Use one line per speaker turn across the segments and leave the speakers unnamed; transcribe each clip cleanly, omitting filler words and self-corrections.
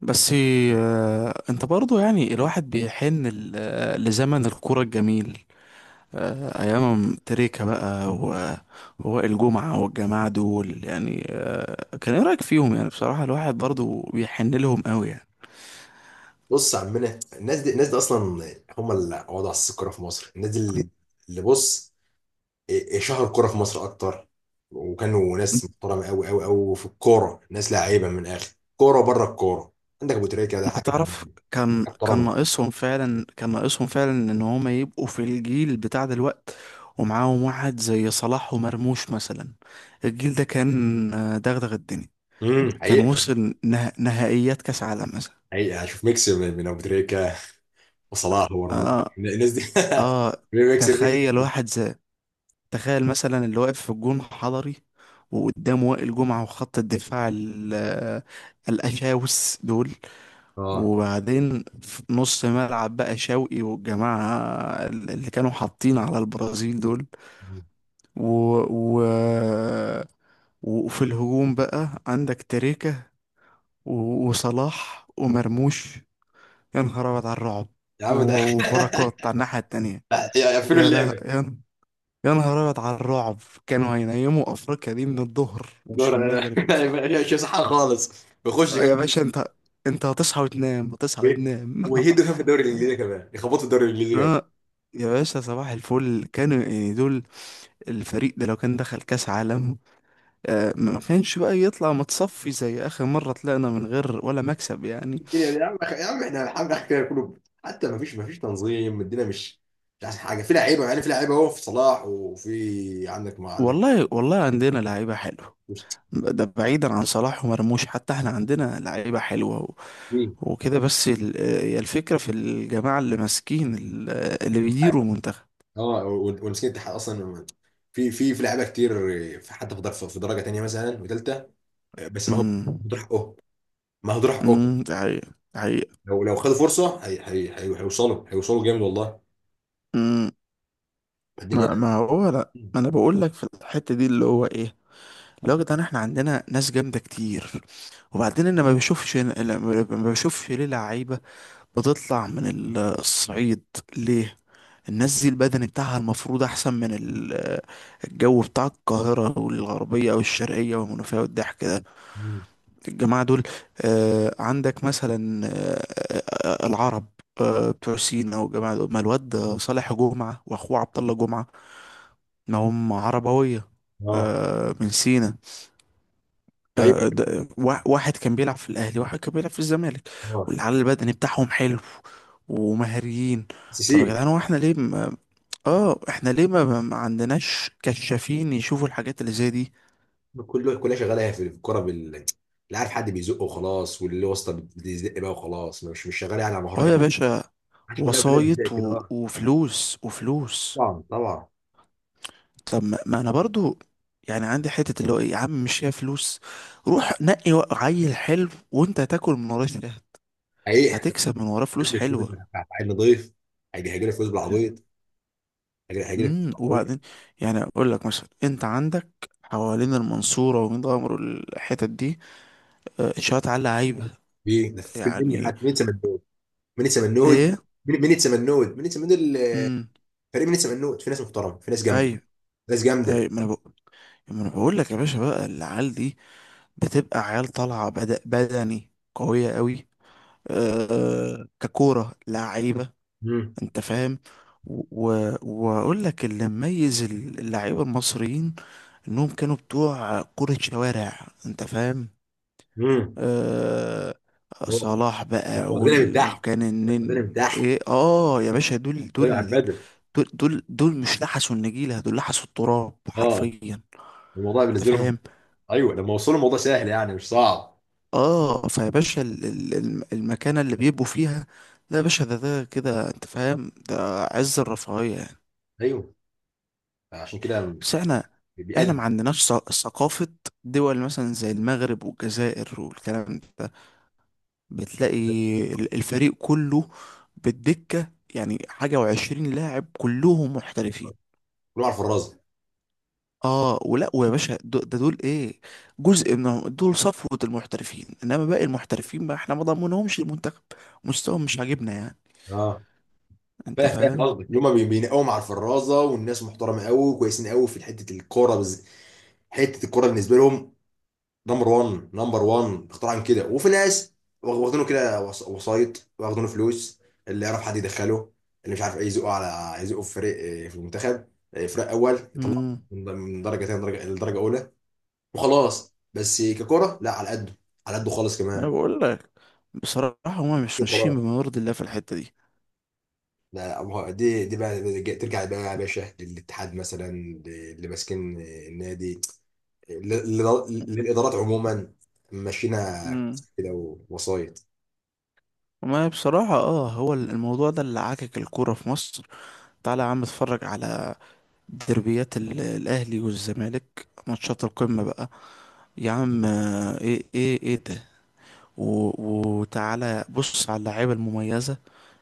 بس. آه، انت برضو يعني الواحد بيحن لزمن الكورة الجميل، ايام تريكة بقى و- ووائل جمعة والجماعة دول يعني، كان ايه رأيك فيهم يعني؟ بصراحة الواحد برضو بيحن لهم قوي يعني.
بص يا عمنا، الناس دي الناس دي اصلا هم اللي قعدوا على السكه الكوره في مصر. الناس دي اللي شهروا الكوره في مصر اكتر، وكانوا ناس محترمه قوي قوي قوي في الكوره، ناس لعيبه من الاخر، كوره بره الكوره. عندك ابو تريكه ده
انت
حاجه
تعرف. كان
محترمه.
ناقصهم فعلا، كان ناقصهم فعلا ان هما يبقوا في الجيل بتاع دلوقت ومعاهم واحد زي صلاح ومرموش مثلا. الجيل ده كان دغدغ الدنيا، كان
حقيقه.
وصل نهائيات كاس عالم مثلا.
حقيقه هشوف ميكس من ابو تريكه وصلاح ورموش،
اه،
الناس دي
اه.
ميكس ميكس.
تخيل واحد زي تخيل مثلا اللي واقف في الجون حضري، وقدامه وائل جمعة وخط الدفاع الأشاوس دول،
اه
وبعدين في نص ملعب بقى شوقي والجماعة اللي كانوا حاطين على البرازيل دول، و... و... وفي الهجوم بقى عندك تريكة و- وصلاح ومرموش. يا نهار أبيض على الرعب.
يا عم ده
و- وبركات على الناحية التانية.
يقفلوا
يا لا
اللعبه.
يا يا نهار ابيض على الرعب، كانوا هينيموا افريقيا دي من الظهر
دور
مش من
انا.
المغرب.
مش صح خالص، بيخش
يا
كمان
باشا انت هتصحى وتنام، هتصحى وتنام.
ويهدوا. كان في الدوري الانجليزي كمان، يخبطوا الدوري الانجليزي كمان.
اه يا باشا، صباح الفل. كانوا يعني دول، الفريق ده لو كان دخل كاس عالم ما كانش بقى يطلع متصفي زي اخر مرة طلعنا من غير ولا مكسب يعني.
الدنيا دي يا عم، يا عم احنا الحمد لله كده كله، حتى ما فيش تنظيم. الدنيا مش احسن حاجه؟ في لعيبه يعني، في لعيبه اهو، في صلاح وفي عندك ما عندك.
والله، والله عندنا لعيبة حلوة،
مش
ده بعيدا عن صلاح ومرموش. حتى احنا عندنا لعيبة حلوة و...
في
وكده. بس هي الفكرة في الجماعة اللي ماسكين اللي بيديروا المنتخب.
اه ومسكين الاتحاد اصلا. في لعيبه كتير، في حتى في درجه تانيه مثلا وثالثه. بس ما هو
امم،
هدول حقهم، ما هدول حقهم.
امم. ده حقيقة، ده حقيقة.
لو خدوا فرصه، هي هيوصلوا جامد والله
امم.
الدنيا.
ما هو، لا، ما انا بقول لك في الحتة دي اللي هو ايه، لو يا جدعان احنا عندنا ناس جامدة كتير. وبعدين انا ما بشوفش ليه لعيبة بتطلع من الصعيد؟ ليه؟ الناس دي البدني بتاعها المفروض احسن من الجو بتاع القاهرة والغربية والشرقية والمنوفية والضحك ده. الجماعة دول، عندك مثلا العرب، بتوع سينا والجماعة دول. ما الواد صالح جمعة واخوه عبد الله جمعة، ما هم عربوية،
اه
من سينا.
ايوه
واحد كان بيلعب في الاهلي، واحد كان بيلعب في الزمالك،
اه.
والعلى البدني بتاعهم حلو ومهاريين.
سي سي.
طب يا جدعان هو احنا ليه ما عندناش كشافين يشوفوا الحاجات اللي زي دي؟
كله كلها شغاله في الكوره لا، عارف حد بيزقه وخلاص، واللي واسطه بتزق بقى وخلاص، مش شغاله يعني على مهاره
اه يا
قوي.
باشا.
عشان كلها كلها بتزق
وسايط
كده
و... وفلوس وفلوس.
طبعا طبعا.
طب ما انا برضو يعني عندي حتة اللي هو ايه. يا عم مش هي فلوس، روح نقي عيل حلو وانت هتاكل من وراه شهد،
حقيقي إحنا
هتكسب من وراه فلوس
بنلبس فلوس،
حلوة.
إحنا عيل نضيف، هيجي هيجي لك فلوس بالعبيط. هيجي هيجي لك فلوس بالعبيط.
وبعدين يعني اقول لك مثلا، انت عندك حوالين المنصوره وميت غمر الحتت دي، انشاءات عاليه عيبه
في ده، في مني
يعني.
حد؟ مين سمنود؟ مين سمنود؟
ايه.
مين سمنود؟ مين سمنود
امم.
فريق مين سمنود؟ في ناس محترمه، في ناس جامده،
ايوه،
ناس
ايوه،
جامده.
ما انا بقول لك يا باشا بقى العيال دي بتبقى عيال طالعه بدني قويه قوي، ككوره لعيبه.
امم
انت فاهم؟ و... واقول لك اللي مميز اللعيبه المصريين انهم كانوا بتوع كره شوارع. انت فاهم؟
امم
آه صلاح بقى
واخدينها من تحت،
وكان
واخدينها من
النني،
تحت،
ايه، اه يا باشا، دول
واخدينها على
دول
البدل.
دول دول, دول مش لحسوا النجيلة، دول لحسوا التراب
اه،
حرفيا.
الموضوع
انت
بالنسبه لهم
فاهم؟
ايوه، لما وصلوا الموضوع سهل يعني، مش صعب.
اه. فيا باشا المكانة اللي بيبقوا فيها، لا يا باشا، ده كده. انت فاهم؟ ده عز الرفاهية يعني.
ايوه، عشان كده
بس احنا ما
بيأدي
عندناش ثقافة. دول مثلا زي المغرب والجزائر والكلام ده، بتلاقي الفريق كله بالدكة يعني حاجة وعشرين لاعب كلهم محترفين.
كله على الفرازه.
اه، ولا ويا باشا دو- ده دول ايه، جزء من دول صفوة المحترفين، انما باقي المحترفين بقى احنا ما ضمنهمش المنتخب، مستواهم مش عاجبنا يعني.
اه،
انت
فاهم فاهم
فاهم؟
قصدك، اللي هم بينقوا مع الفرازه، والناس محترمه قوي وكويسين قوي في حته الكوره بالنسبه لهم نمبر 1 نمبر 1 اختراعا كده. وفي ناس واخدينه كده وسايط، واخدينه فلوس، اللي يعرف حد يدخله، اللي مش عارف ايه يزقه، على يزقه في فريق في المنتخب، فريق اول يطلع
امم
من درجه ثانيه لدرجه اولى وخلاص. بس ككرة لا، على قده، على قده خالص
انا
كمان.
بقول لك بصراحة هما مش ماشيين
وخلاص
بما يرضي الله في الحتة دي.
لا. دي بقى ترجع بقى يا باشا للاتحاد مثلا، اللي ماسكين النادي، للادارات عموما، ماشيينها
امم
كده ووسايط.
ما بصراحة، هو الموضوع ده اللي عاكك الكورة في مصر. تعالى يا عم اتفرج على دربيات الاهلي والزمالك، ماتشات القمه بقى، يا عم ايه ايه ايه ده. و- وتعالى بص على اللعيبه المميزه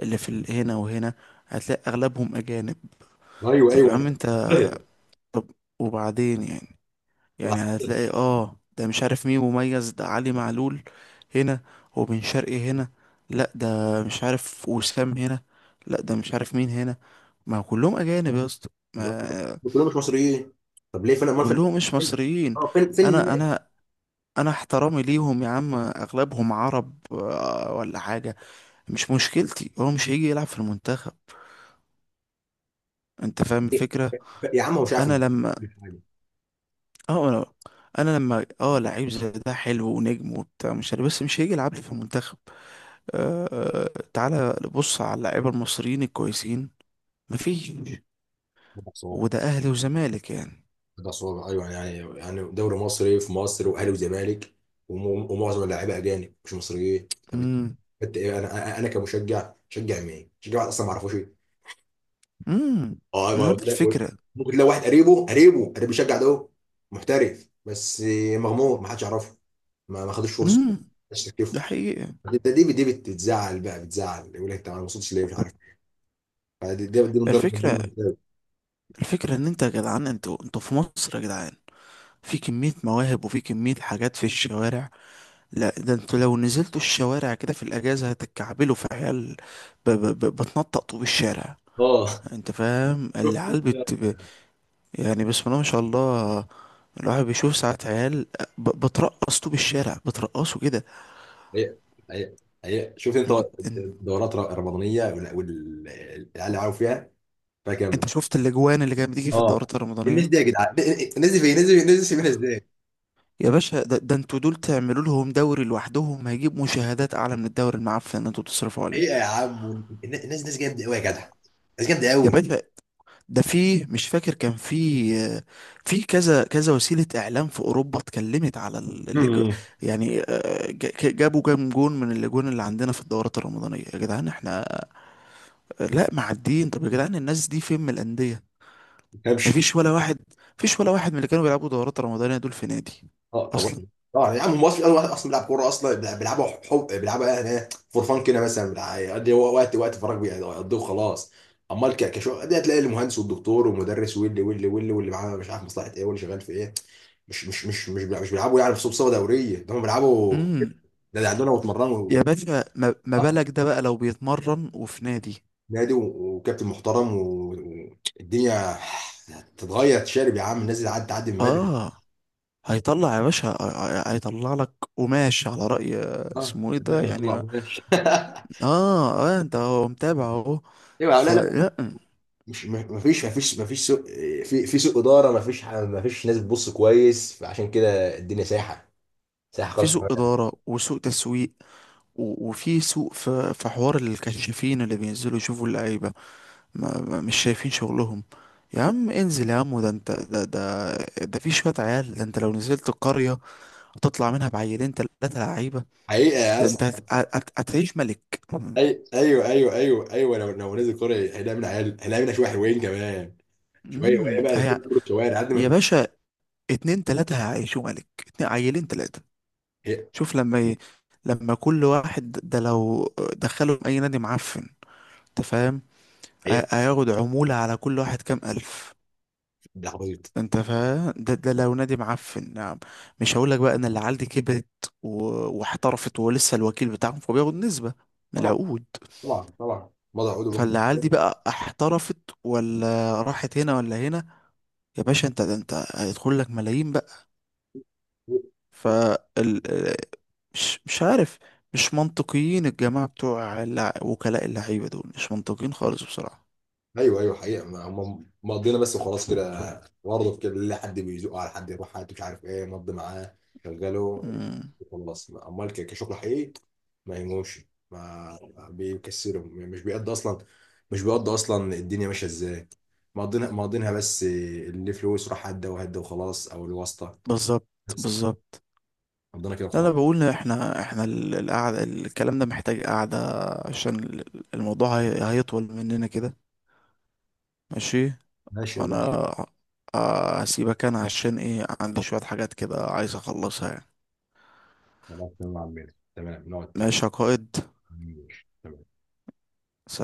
اللي في هنا وهنا، هتلاقي اغلبهم اجانب.
ايوه
طب يا
ايوه
عم انت،
طيب.
طب وبعدين يعني، يعني
طلع
هتلاقي ده مش عارف مين مميز، ده علي معلول هنا، وبن شرقي هنا، لا ده مش عارف وسام هنا، لا ده مش عارف مين هنا. ما هو كلهم اجانب يا اسطى، ما-
كلهم مش مصريين، طب ليه؟ فين امال؟ فين
كلهم مش
فين؟
مصريين.
اه فين
انا
فين؟
انا انا احترامي ليهم يا عم، اغلبهم عرب ولا حاجه، مش مشكلتي، هو مش هيجي يلعب في المنتخب. انت فاهم الفكره؟
يا عم هو مش عارف
انا لما
كل
اه انا انا لما لعيب زي ده حلو ونجم وبتاع مش عارف، بس مش هيجي يلعب لي في المنتخب. آه آه، تعالى بص على اللعيبه المصريين الكويسين، مفيش.
حاجه.
وده اهلي وزمالك يعني.
الأسوار أيوه، يعني يعني دوري مصري في مصر وأهلي وزمالك، ومعظم اللاعيبة أجانب مش مصريين. طب
امم،
انت ايه؟ انا انا أنا كمشجع شجع مين؟ شجع واحد اصلا ما اعرفوش ايه.
امم.
اه ايوه
دي الفكره.
ممكن تلاقي واحد قريبه قريب بيشجع ده، محترف بس مغمور، ما حدش يعرفه، ما خدوش فرصه،
امم.
ما حدش شاف.
ده حقيقه.
ده دي بتزعل بقى، بتزعل يقول لك انت ما وصلتش ليه؟ مش عارف. دي من ضرب من ضمن
الفكره
الأسباب.
الفكره ان انت يا جدعان، انتوا في مصر يا جدعان في كمية مواهب وفي كمية حاجات في الشوارع. لا ده انتوا لو نزلتوا الشوارع كده في الأجازة هتتكعبلوا في عيال بتنطط طوب الشارع.
اه
انت فاهم العيال يعني بسم الله ما شاء الله. الواحد بيشوف ساعات عيال بترقص طوب الشارع، بترقصوا كده.
هي هي هي شفت انت
ان- ان-
الدورات الرمضانيه والعيال، عارف فيها كام؟
انت شفت الاجوان اللي كانت بتيجي في
اه
الدورات
الناس
الرمضانية؟
دي يا جدعان، الناس دي فين؟ الناس دي الناس دي سيبينها ازاي؟
يا باشا، ده انتوا دول تعملوا لهم دوري لوحدهم هيجيب مشاهدات اعلى من الدوري المعفن اللي انتوا بتصرفوا عليه.
حقيقه يا عم، الناس ناس جامده قوي يا جدع، ناس جامده
يا
قوي.
باشا ده، في مش فاكر، كان في كذا كذا وسيلة إعلام في أوروبا اتكلمت على
مم.
يعني، جابوا كام جون من اللجون اللي عندنا في الدورات الرمضانية يا جدعان. احنا لا، معديين. طب يا جدعان الناس دي فين من الأندية؟ مفيش ولا واحد، مفيش ولا واحد من اللي كانوا بيلعبوا دورات رمضانية دول في نادي
اه طب.
أصلا.
اه يا عم هم اصلا، واحد اصلا بيلعب كوره اصلا بيلعبوا حب، بيلعبوا يعني فور فان كده مثلا، يقضي هو وقت فراغ بيقضيه وخلاص. امال كشغل دي، هتلاقي المهندس والدكتور والمدرس واللي واللي واللي واللي معاه مش عارف مصلحه ايه، واللي شغال في ايه. مش مش مش مش مش بيلعبوا يعني في صوبصه دوريه، ده هم بيلعبوا كده.
امم
ده اللي عندنا واتمرنوا
يا باشا ما
صح؟
بالك ده بقى لو بيتمرن وفي نادي،
نادي وكابتن محترم، والدنيا تتغير. تشارب يا عم، الناس اللي عدت تعدي من بدري.
اه هيطلع يا باشا. هيطلع لك قماش على رأي
اه،
اسمه ايه
ده
ده
احنا نطلع
يعني.
بلاش
اه، اه، انت هو متابع اهو.
ايوه لا لا.
فلا،
مش، ما فيش ما فيش سوء. في سوء اداره، ما فيش ما فيش ناس بتبص كويس، فعشان كده الدنيا سايحه، سايحه
في
خالص.
سوء اداره وسوء تسويق و- وفي سوء، في حوار الكشافين اللي بينزلوا يشوفوا اللعيبه مش شايفين شغلهم. يا عم انزل يا عم، ده انت ده ده ده في شويه عيال. ده انت لو نزلت القريه هتطلع منها بعيلين ثلاثه لعيبه،
حقيقه يا
ده انت
اسطى.
هتعيش ملك.
ايوه ايوه ايوه ايوه، لو نزل كوره هنلاقي منها عيال، هنلاقي منها شويه حلوين كمان، شويه. وهي
امم
بقى
هي-
كل كره شوارع قد
يا
ما.
باشا، اتنين تلاته هيعيشوا ملك، اتنين عيلين تلاته.
هي
شوف لما كل واحد ده لو دخلهم اي نادي معفن، انت فاهم؟
هي
هياخد عمولة على كل واحد كام الف.
ده عبيط.
انت فاهم؟ ده لو نادي معفن نعم. مش هقولك بقى ان العيال دي كبرت و... واحترفت ولسه الوكيل بتاعهم فبياخد نسبة من
طبعا
العقود.
طبعا طبعا، وضع عقود.
فالعيال دي بقى احترفت ولا راحت هنا ولا هنا، يا باشا انت ده انت هيدخل لك ملايين. فال مش عارف، مش منطقيين الجماعة بتوع وكلاء اللعيبة دول، مش منطقيين خالص بصراحة.
ايوه ايوه حقيقه هم مقضينا بس وخلاص كده، برضه كده اللي حد بيزقه على حد، يروح حد مش عارف ايه، مضي معاه شغله
مم.
يخلص. امال كشغل حقيقي ما يهموش، ما بيكسرهم يعني، مش بيقضي اصلا، مش بيقضي اصلا الدنيا ماشيه ازاي. مقضينا مقضينها بس، اللي فلوس راح هدى وهدى وخلاص، او الواسطه
بالظبط،
بس.
بالظبط.
مقضينا كده
لا، انا
وخلاص.
بقول إن احنا القعده، الكلام ده محتاج قعده، عشان الموضوع هيطول مننا كده. ماشي.
ماشي يا
فانا
باشا.
هسيبك انا عشان ايه عندي شويه حاجات كده عايز اخلصها يعني.
خلاص تمام يا عمنا، تمام، نقعد تاني.
ماشي يا قائد.
ماشي تمام
سلام.